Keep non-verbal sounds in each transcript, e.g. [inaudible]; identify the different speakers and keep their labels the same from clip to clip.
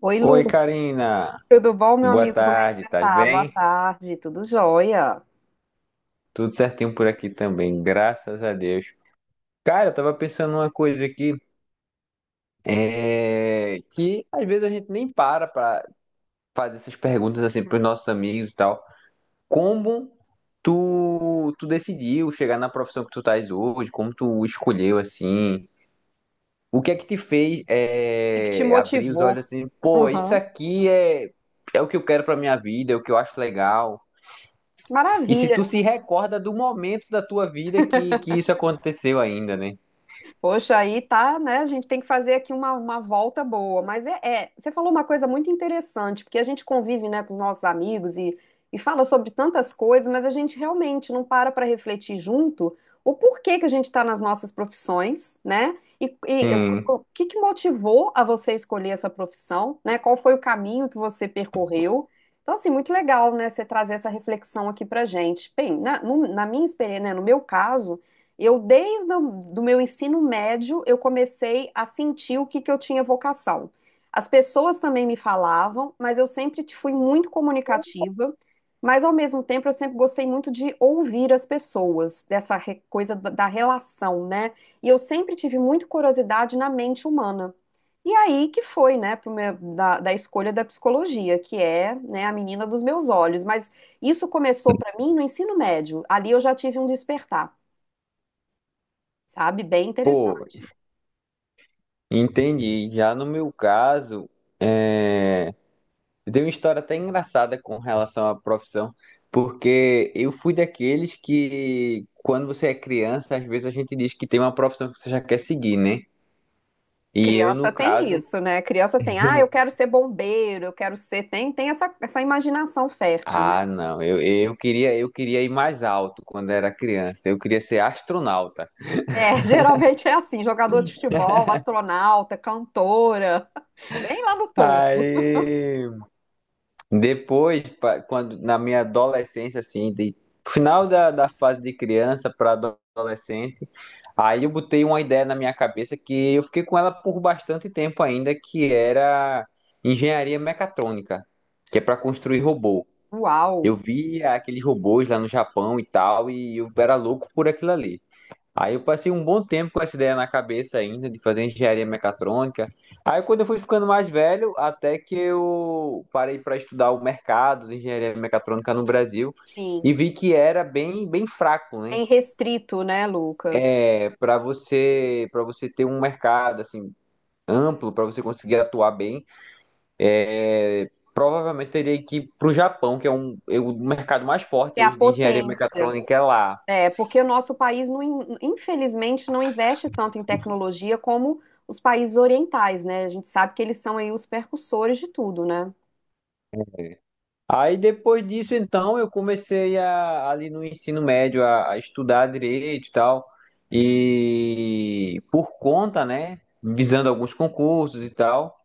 Speaker 1: Oi,
Speaker 2: Oi,
Speaker 1: Lucas.
Speaker 2: Karina.
Speaker 1: Tudo bom, meu
Speaker 2: Boa
Speaker 1: amigo? Como é que
Speaker 2: tarde,
Speaker 1: você
Speaker 2: tá
Speaker 1: tá? Boa
Speaker 2: bem?
Speaker 1: tarde. Tudo jóia? O
Speaker 2: Tudo certinho por aqui também, graças a Deus. Cara, eu tava pensando numa coisa aqui, que às vezes a gente nem para pra fazer essas perguntas assim pros nossos amigos e tal. Como tu decidiu chegar na profissão que tu estás hoje? Como tu escolheu assim? O que é que te fez
Speaker 1: que que te
Speaker 2: abrir os olhos
Speaker 1: motivou?
Speaker 2: assim, pô,
Speaker 1: Uhum.
Speaker 2: é o que eu quero pra minha vida, é o que eu acho legal. E se tu
Speaker 1: Maravilha.
Speaker 2: se recorda do momento da tua vida que isso aconteceu ainda, né?
Speaker 1: Poxa, aí tá, né? A gente tem que fazer aqui uma volta boa. Mas você falou uma coisa muito interessante, porque a gente convive, né, com os nossos amigos e fala sobre tantas coisas, mas a gente realmente não para para refletir junto o porquê que a gente está nas nossas profissões, né? E
Speaker 2: Sim.
Speaker 1: o que que motivou a você escolher essa profissão, né? Qual foi o caminho que você percorreu? Então, assim, muito legal, né, você trazer essa reflexão aqui pra gente. Bem, na minha experiência, né, no meu caso. Eu, desde o do meu ensino médio, eu comecei a sentir que eu tinha vocação. As pessoas também me falavam, mas eu sempre fui muito comunicativa, mas ao mesmo tempo eu sempre gostei muito de ouvir as pessoas, dessa coisa da relação, né? E eu sempre tive muito curiosidade na mente humana. E aí que foi, né, da escolha da psicologia, que é, né, a menina dos meus olhos. Mas isso começou para mim no ensino médio. Ali eu já tive um despertar. Sabe? Bem
Speaker 2: Pô,
Speaker 1: interessante.
Speaker 2: entendi. Já no meu caso, é... eu tenho uma história até engraçada com relação à profissão, porque eu fui daqueles que, quando você é criança, às vezes a gente diz que tem uma profissão que você já quer seguir, né? E eu,
Speaker 1: Criança
Speaker 2: no
Speaker 1: tem
Speaker 2: caso,
Speaker 1: isso, né? Criança tem, ah, eu quero ser bombeiro, eu quero ser. Tem essa, essa imaginação fértil, né?
Speaker 2: ah, não, eu queria ir mais alto quando era criança, eu queria ser astronauta.
Speaker 1: É, [laughs] geralmente é assim: jogador de futebol, astronauta, cantora, [laughs] bem lá no topo.
Speaker 2: Aí Quando na minha adolescência, assim, de final da fase de criança para adolescente, aí eu botei uma ideia na minha cabeça que eu fiquei com ela por bastante tempo ainda, que era engenharia mecatrônica, que é para construir robô.
Speaker 1: Uau!
Speaker 2: Eu via aqueles robôs lá no Japão e tal, e eu era louco por aquilo ali. Aí eu passei um bom tempo com essa ideia na cabeça ainda, de fazer engenharia mecatrônica. Aí quando eu fui ficando mais velho, até que eu parei para estudar o mercado de engenharia mecatrônica no Brasil
Speaker 1: Sim,
Speaker 2: e vi que era bem fraco, né?
Speaker 1: tem restrito, né, Lucas?
Speaker 2: É, para você ter um mercado assim amplo, para você conseguir atuar bem, provavelmente teria que ir para o Japão, que é é o mercado mais forte
Speaker 1: É a
Speaker 2: hoje de engenharia
Speaker 1: potência.
Speaker 2: mecatrônica é lá.
Speaker 1: É, porque o nosso país, não, infelizmente, não investe tanto em tecnologia como os países orientais, né? A gente sabe que eles são aí os percussores de tudo, né?
Speaker 2: Aí depois disso, então, eu comecei ali no ensino médio a estudar direito e tal. E por conta, né, visando alguns concursos e tal.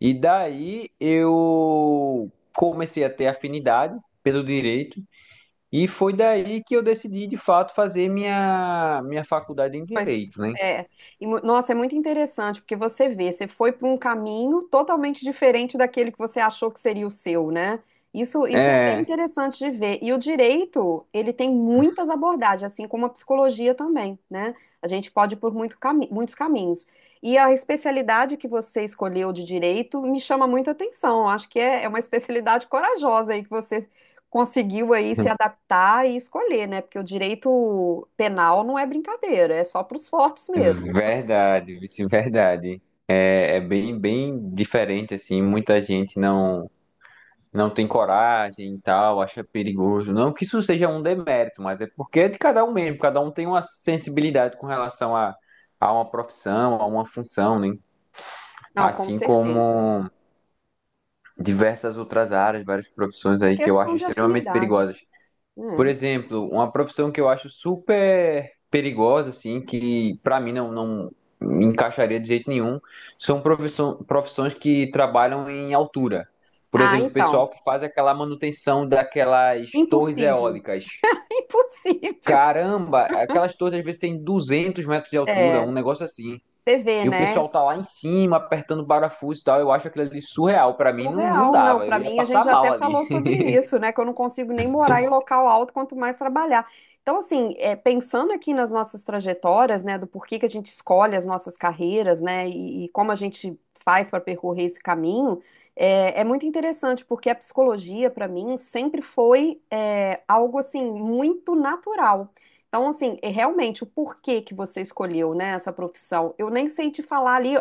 Speaker 2: E daí eu comecei a ter afinidade pelo direito. E foi daí que eu decidi, de fato, fazer minha faculdade em
Speaker 1: Pois
Speaker 2: direito, né?
Speaker 1: é. E, nossa, é muito interessante, porque você vê, você foi para um caminho totalmente diferente daquele que você achou que seria o seu, né? Isso é bem
Speaker 2: É,
Speaker 1: interessante de ver. E o direito, ele tem muitas abordagens, assim como a psicologia também, né? A gente pode ir por muitos caminhos. E a especialidade que você escolheu de direito me chama muita atenção. Acho que é uma especialidade corajosa aí que você conseguiu aí se
Speaker 2: [laughs]
Speaker 1: adaptar e escolher, né? Porque o direito penal não é brincadeira, é só para os fortes mesmo.
Speaker 2: verdade, vice, verdade. É, bem diferente, assim, muita gente não tem coragem e tal, acha perigoso. Não que isso seja um demérito, mas é porque é de cada um mesmo, cada um tem uma sensibilidade a uma profissão, a uma função, né?
Speaker 1: Não, com
Speaker 2: Assim
Speaker 1: certeza.
Speaker 2: como diversas outras áreas, várias profissões
Speaker 1: É
Speaker 2: aí que eu
Speaker 1: questão
Speaker 2: acho
Speaker 1: de
Speaker 2: extremamente
Speaker 1: afinidade.
Speaker 2: perigosas. Por
Speaker 1: Né?
Speaker 2: exemplo, uma profissão que eu acho super perigosa, assim, que pra mim não me encaixaria de jeito nenhum, são profissões que trabalham em altura. Por
Speaker 1: Ah,
Speaker 2: exemplo, o
Speaker 1: então.
Speaker 2: pessoal que faz aquela manutenção daquelas torres
Speaker 1: Impossível.
Speaker 2: eólicas.
Speaker 1: [laughs] Impossível.
Speaker 2: Caramba, aquelas torres às vezes têm 200 metros de altura,
Speaker 1: É,
Speaker 2: um negócio assim.
Speaker 1: você vê,
Speaker 2: E o
Speaker 1: né?
Speaker 2: pessoal tá lá em cima, apertando parafuso e tal. Eu acho aquilo ali surreal. Pra mim, não
Speaker 1: Surreal, não.
Speaker 2: dava. Eu
Speaker 1: Para
Speaker 2: ia
Speaker 1: mim, a gente
Speaker 2: passar
Speaker 1: já até
Speaker 2: mal ali.
Speaker 1: falou sobre isso, né? Que eu não consigo nem morar em local alto, quanto mais trabalhar. Então, assim, é, pensando aqui nas nossas trajetórias, né? Do porquê que a gente escolhe as nossas carreiras, né? E como a gente faz para percorrer esse caminho, é, é muito interessante, porque a psicologia, para mim, sempre foi é, algo, assim, muito natural. Então, assim, é realmente, o porquê que você escolheu, né? Essa profissão, eu nem sei te falar ali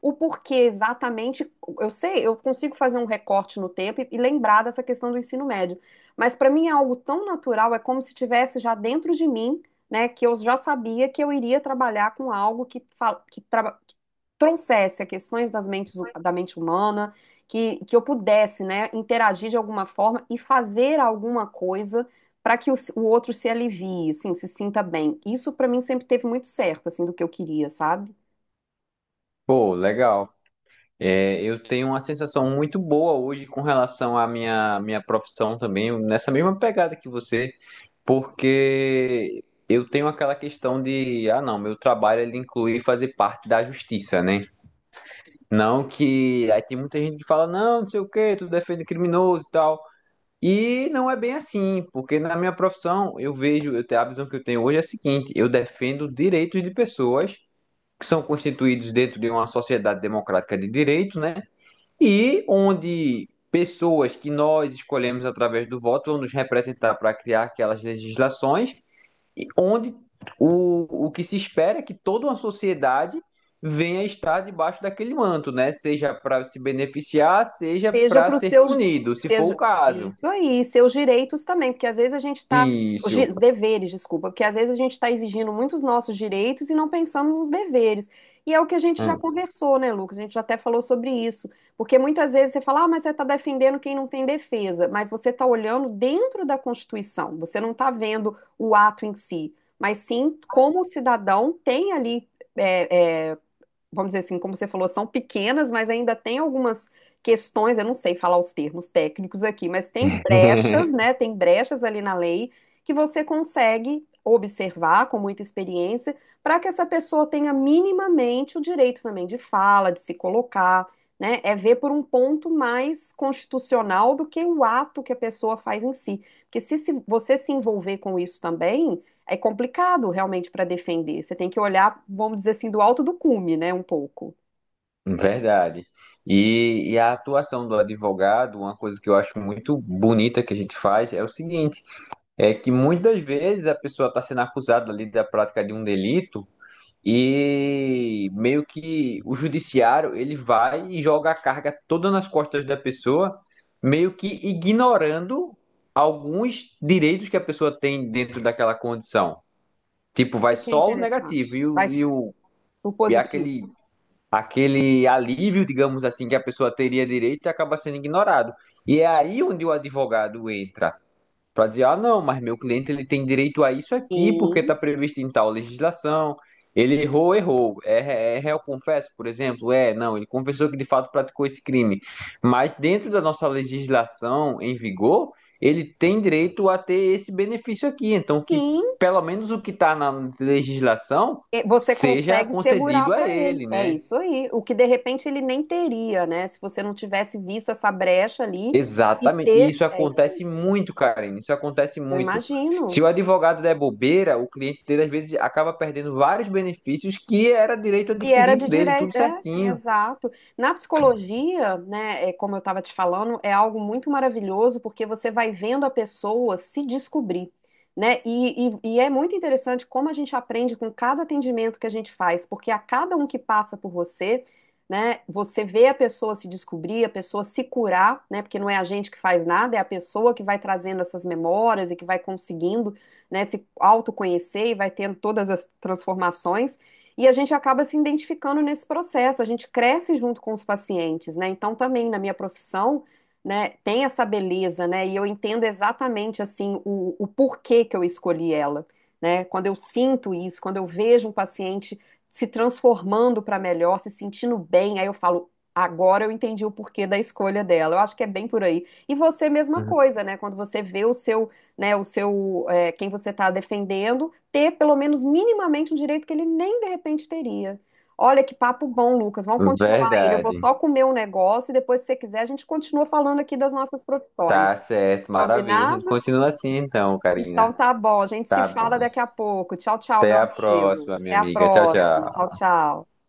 Speaker 1: o porquê exatamente eu sei, eu consigo fazer um recorte no tempo e lembrar dessa questão do ensino médio. Mas para mim é algo tão natural, é como se tivesse já dentro de mim, né, que eu já sabia que eu iria trabalhar com algo que trouxesse as questões da mente humana, que eu pudesse, né, interagir de alguma forma e fazer alguma coisa para que o outro se alivie, assim, se sinta bem. Isso para mim sempre teve muito certo, assim, do que eu queria, sabe?
Speaker 2: [laughs] Pô, legal. É, eu tenho uma sensação muito boa hoje com relação à minha profissão também, nessa mesma pegada que você, porque eu tenho aquela questão de, ah, não, meu trabalho ele inclui fazer parte da justiça, né? Não que aí tem muita gente que fala, não, não sei o quê, tu defende criminoso e tal. E não é bem assim, porque na minha profissão eu vejo, eu tenho a visão que eu tenho hoje é a seguinte, eu defendo direitos de pessoas que são constituídos dentro de uma sociedade democrática de direito, né? E onde pessoas que nós escolhemos através do voto vão nos representar para criar aquelas legislações, e onde o que se espera é que toda uma sociedade venha estar debaixo daquele manto, né? Seja para se beneficiar, seja
Speaker 1: Seja
Speaker 2: para
Speaker 1: para os
Speaker 2: ser
Speaker 1: seus,
Speaker 2: punido, se for o
Speaker 1: seja- é
Speaker 2: caso.
Speaker 1: isso aí, seus direitos também, porque às vezes
Speaker 2: Isso.
Speaker 1: os deveres, desculpa, porque às vezes a gente está exigindo muitos nossos direitos e não pensamos nos deveres. E é o que a gente já
Speaker 2: É.
Speaker 1: conversou, né, Lucas? A gente já até falou sobre isso. Porque muitas vezes você fala, ah, mas você está defendendo quem não tem defesa, mas você está olhando dentro da Constituição, você não está vendo o ato em si, mas sim como o cidadão tem ali. É, é, vamos dizer assim, como você falou, são pequenas, mas ainda tem algumas questões, eu não sei falar os termos técnicos aqui, mas tem brechas,
Speaker 2: [laughs]
Speaker 1: né? Tem brechas ali na lei que você consegue observar com muita experiência para que essa pessoa tenha minimamente o direito também de fala, de se colocar, né? É ver por um ponto mais constitucional do que o ato que a pessoa faz em si. Porque se você se envolver com isso também é complicado realmente para defender. Você tem que olhar, vamos dizer assim, do alto do cume, né, um pouco.
Speaker 2: Verdade. E a atuação do advogado, uma coisa que eu acho muito bonita que a gente faz, é o seguinte. É que muitas vezes a pessoa está sendo acusada ali da prática de um delito e meio que o judiciário ele vai e joga a carga toda nas costas da pessoa, meio que ignorando alguns direitos que a pessoa tem dentro daquela condição. Tipo, vai
Speaker 1: Isso que é
Speaker 2: só o negativo
Speaker 1: interessante.
Speaker 2: e, o, e,
Speaker 1: Mas
Speaker 2: o,
Speaker 1: o
Speaker 2: e
Speaker 1: positivo.
Speaker 2: aquele, aquele alívio, digamos assim, que a pessoa teria direito acaba sendo ignorado. E é aí onde o advogado entra. Para dizer, ah, não, mas meu cliente ele tem direito a isso aqui porque está
Speaker 1: Sim,
Speaker 2: previsto em tal legislação. Ele errou, errou. É, é réu confesso, por exemplo? É, não, ele confessou que de fato praticou esse crime. Mas dentro da nossa legislação em vigor, ele tem direito a ter esse benefício aqui. Então, que
Speaker 1: sim.
Speaker 2: pelo menos o que está na legislação
Speaker 1: E você
Speaker 2: seja
Speaker 1: consegue segurar
Speaker 2: concedido a
Speaker 1: para ele.
Speaker 2: ele,
Speaker 1: É
Speaker 2: né?
Speaker 1: isso aí. O que de repente ele nem teria, né? Se você não tivesse visto essa brecha ali e
Speaker 2: Exatamente. E
Speaker 1: ter.
Speaker 2: isso
Speaker 1: É isso aí.
Speaker 2: acontece muito, Karine. Isso acontece
Speaker 1: Eu
Speaker 2: muito. Se
Speaker 1: imagino.
Speaker 2: o advogado der bobeira, o cliente dele às vezes acaba perdendo vários benefícios que era direito
Speaker 1: Que era
Speaker 2: adquirido
Speaker 1: de
Speaker 2: dele, tudo
Speaker 1: direito, é,
Speaker 2: certinho.
Speaker 1: exato. Na psicologia, né, é, como eu estava te falando, é algo muito maravilhoso porque você vai vendo a pessoa se descobrir, né? E é muito interessante como a gente aprende com cada atendimento que a gente faz, porque a cada um que passa por você, né, você vê a pessoa se descobrir, a pessoa se curar, né? Porque não é a gente que faz nada, é a pessoa que vai trazendo essas memórias e que vai conseguindo, né, se autoconhecer e vai tendo todas as transformações. E a gente acaba se identificando nesse processo, a gente cresce junto com os pacientes, né? Então, também na minha profissão, né, tem essa beleza, né? E eu entendo exatamente, assim, o porquê que eu escolhi ela, né? Quando eu sinto isso, quando eu vejo um paciente se transformando para melhor, se sentindo bem, aí eu falo, agora eu entendi o porquê da escolha dela. Eu acho que é bem por aí. E você, mesma
Speaker 2: Uhum.
Speaker 1: coisa, né? Quando você vê o seu, é, quem você está defendendo ter pelo menos minimamente um direito que ele nem de repente teria. Olha que papo bom, Lucas. Vamos continuar ele. Eu vou
Speaker 2: Verdade.
Speaker 1: só comer um negócio e depois, se você quiser, a gente continua falando aqui das nossas profissões.
Speaker 2: Tá certo, maravilha. A gente
Speaker 1: Combinado?
Speaker 2: continua assim então,
Speaker 1: Então
Speaker 2: Karina.
Speaker 1: tá bom. A gente se
Speaker 2: Tá bom.
Speaker 1: fala daqui a pouco. Tchau, tchau, meu
Speaker 2: Até a
Speaker 1: amigo.
Speaker 2: próxima, minha
Speaker 1: Até a
Speaker 2: amiga. Tchau, tchau.
Speaker 1: próxima. Tchau, tchau.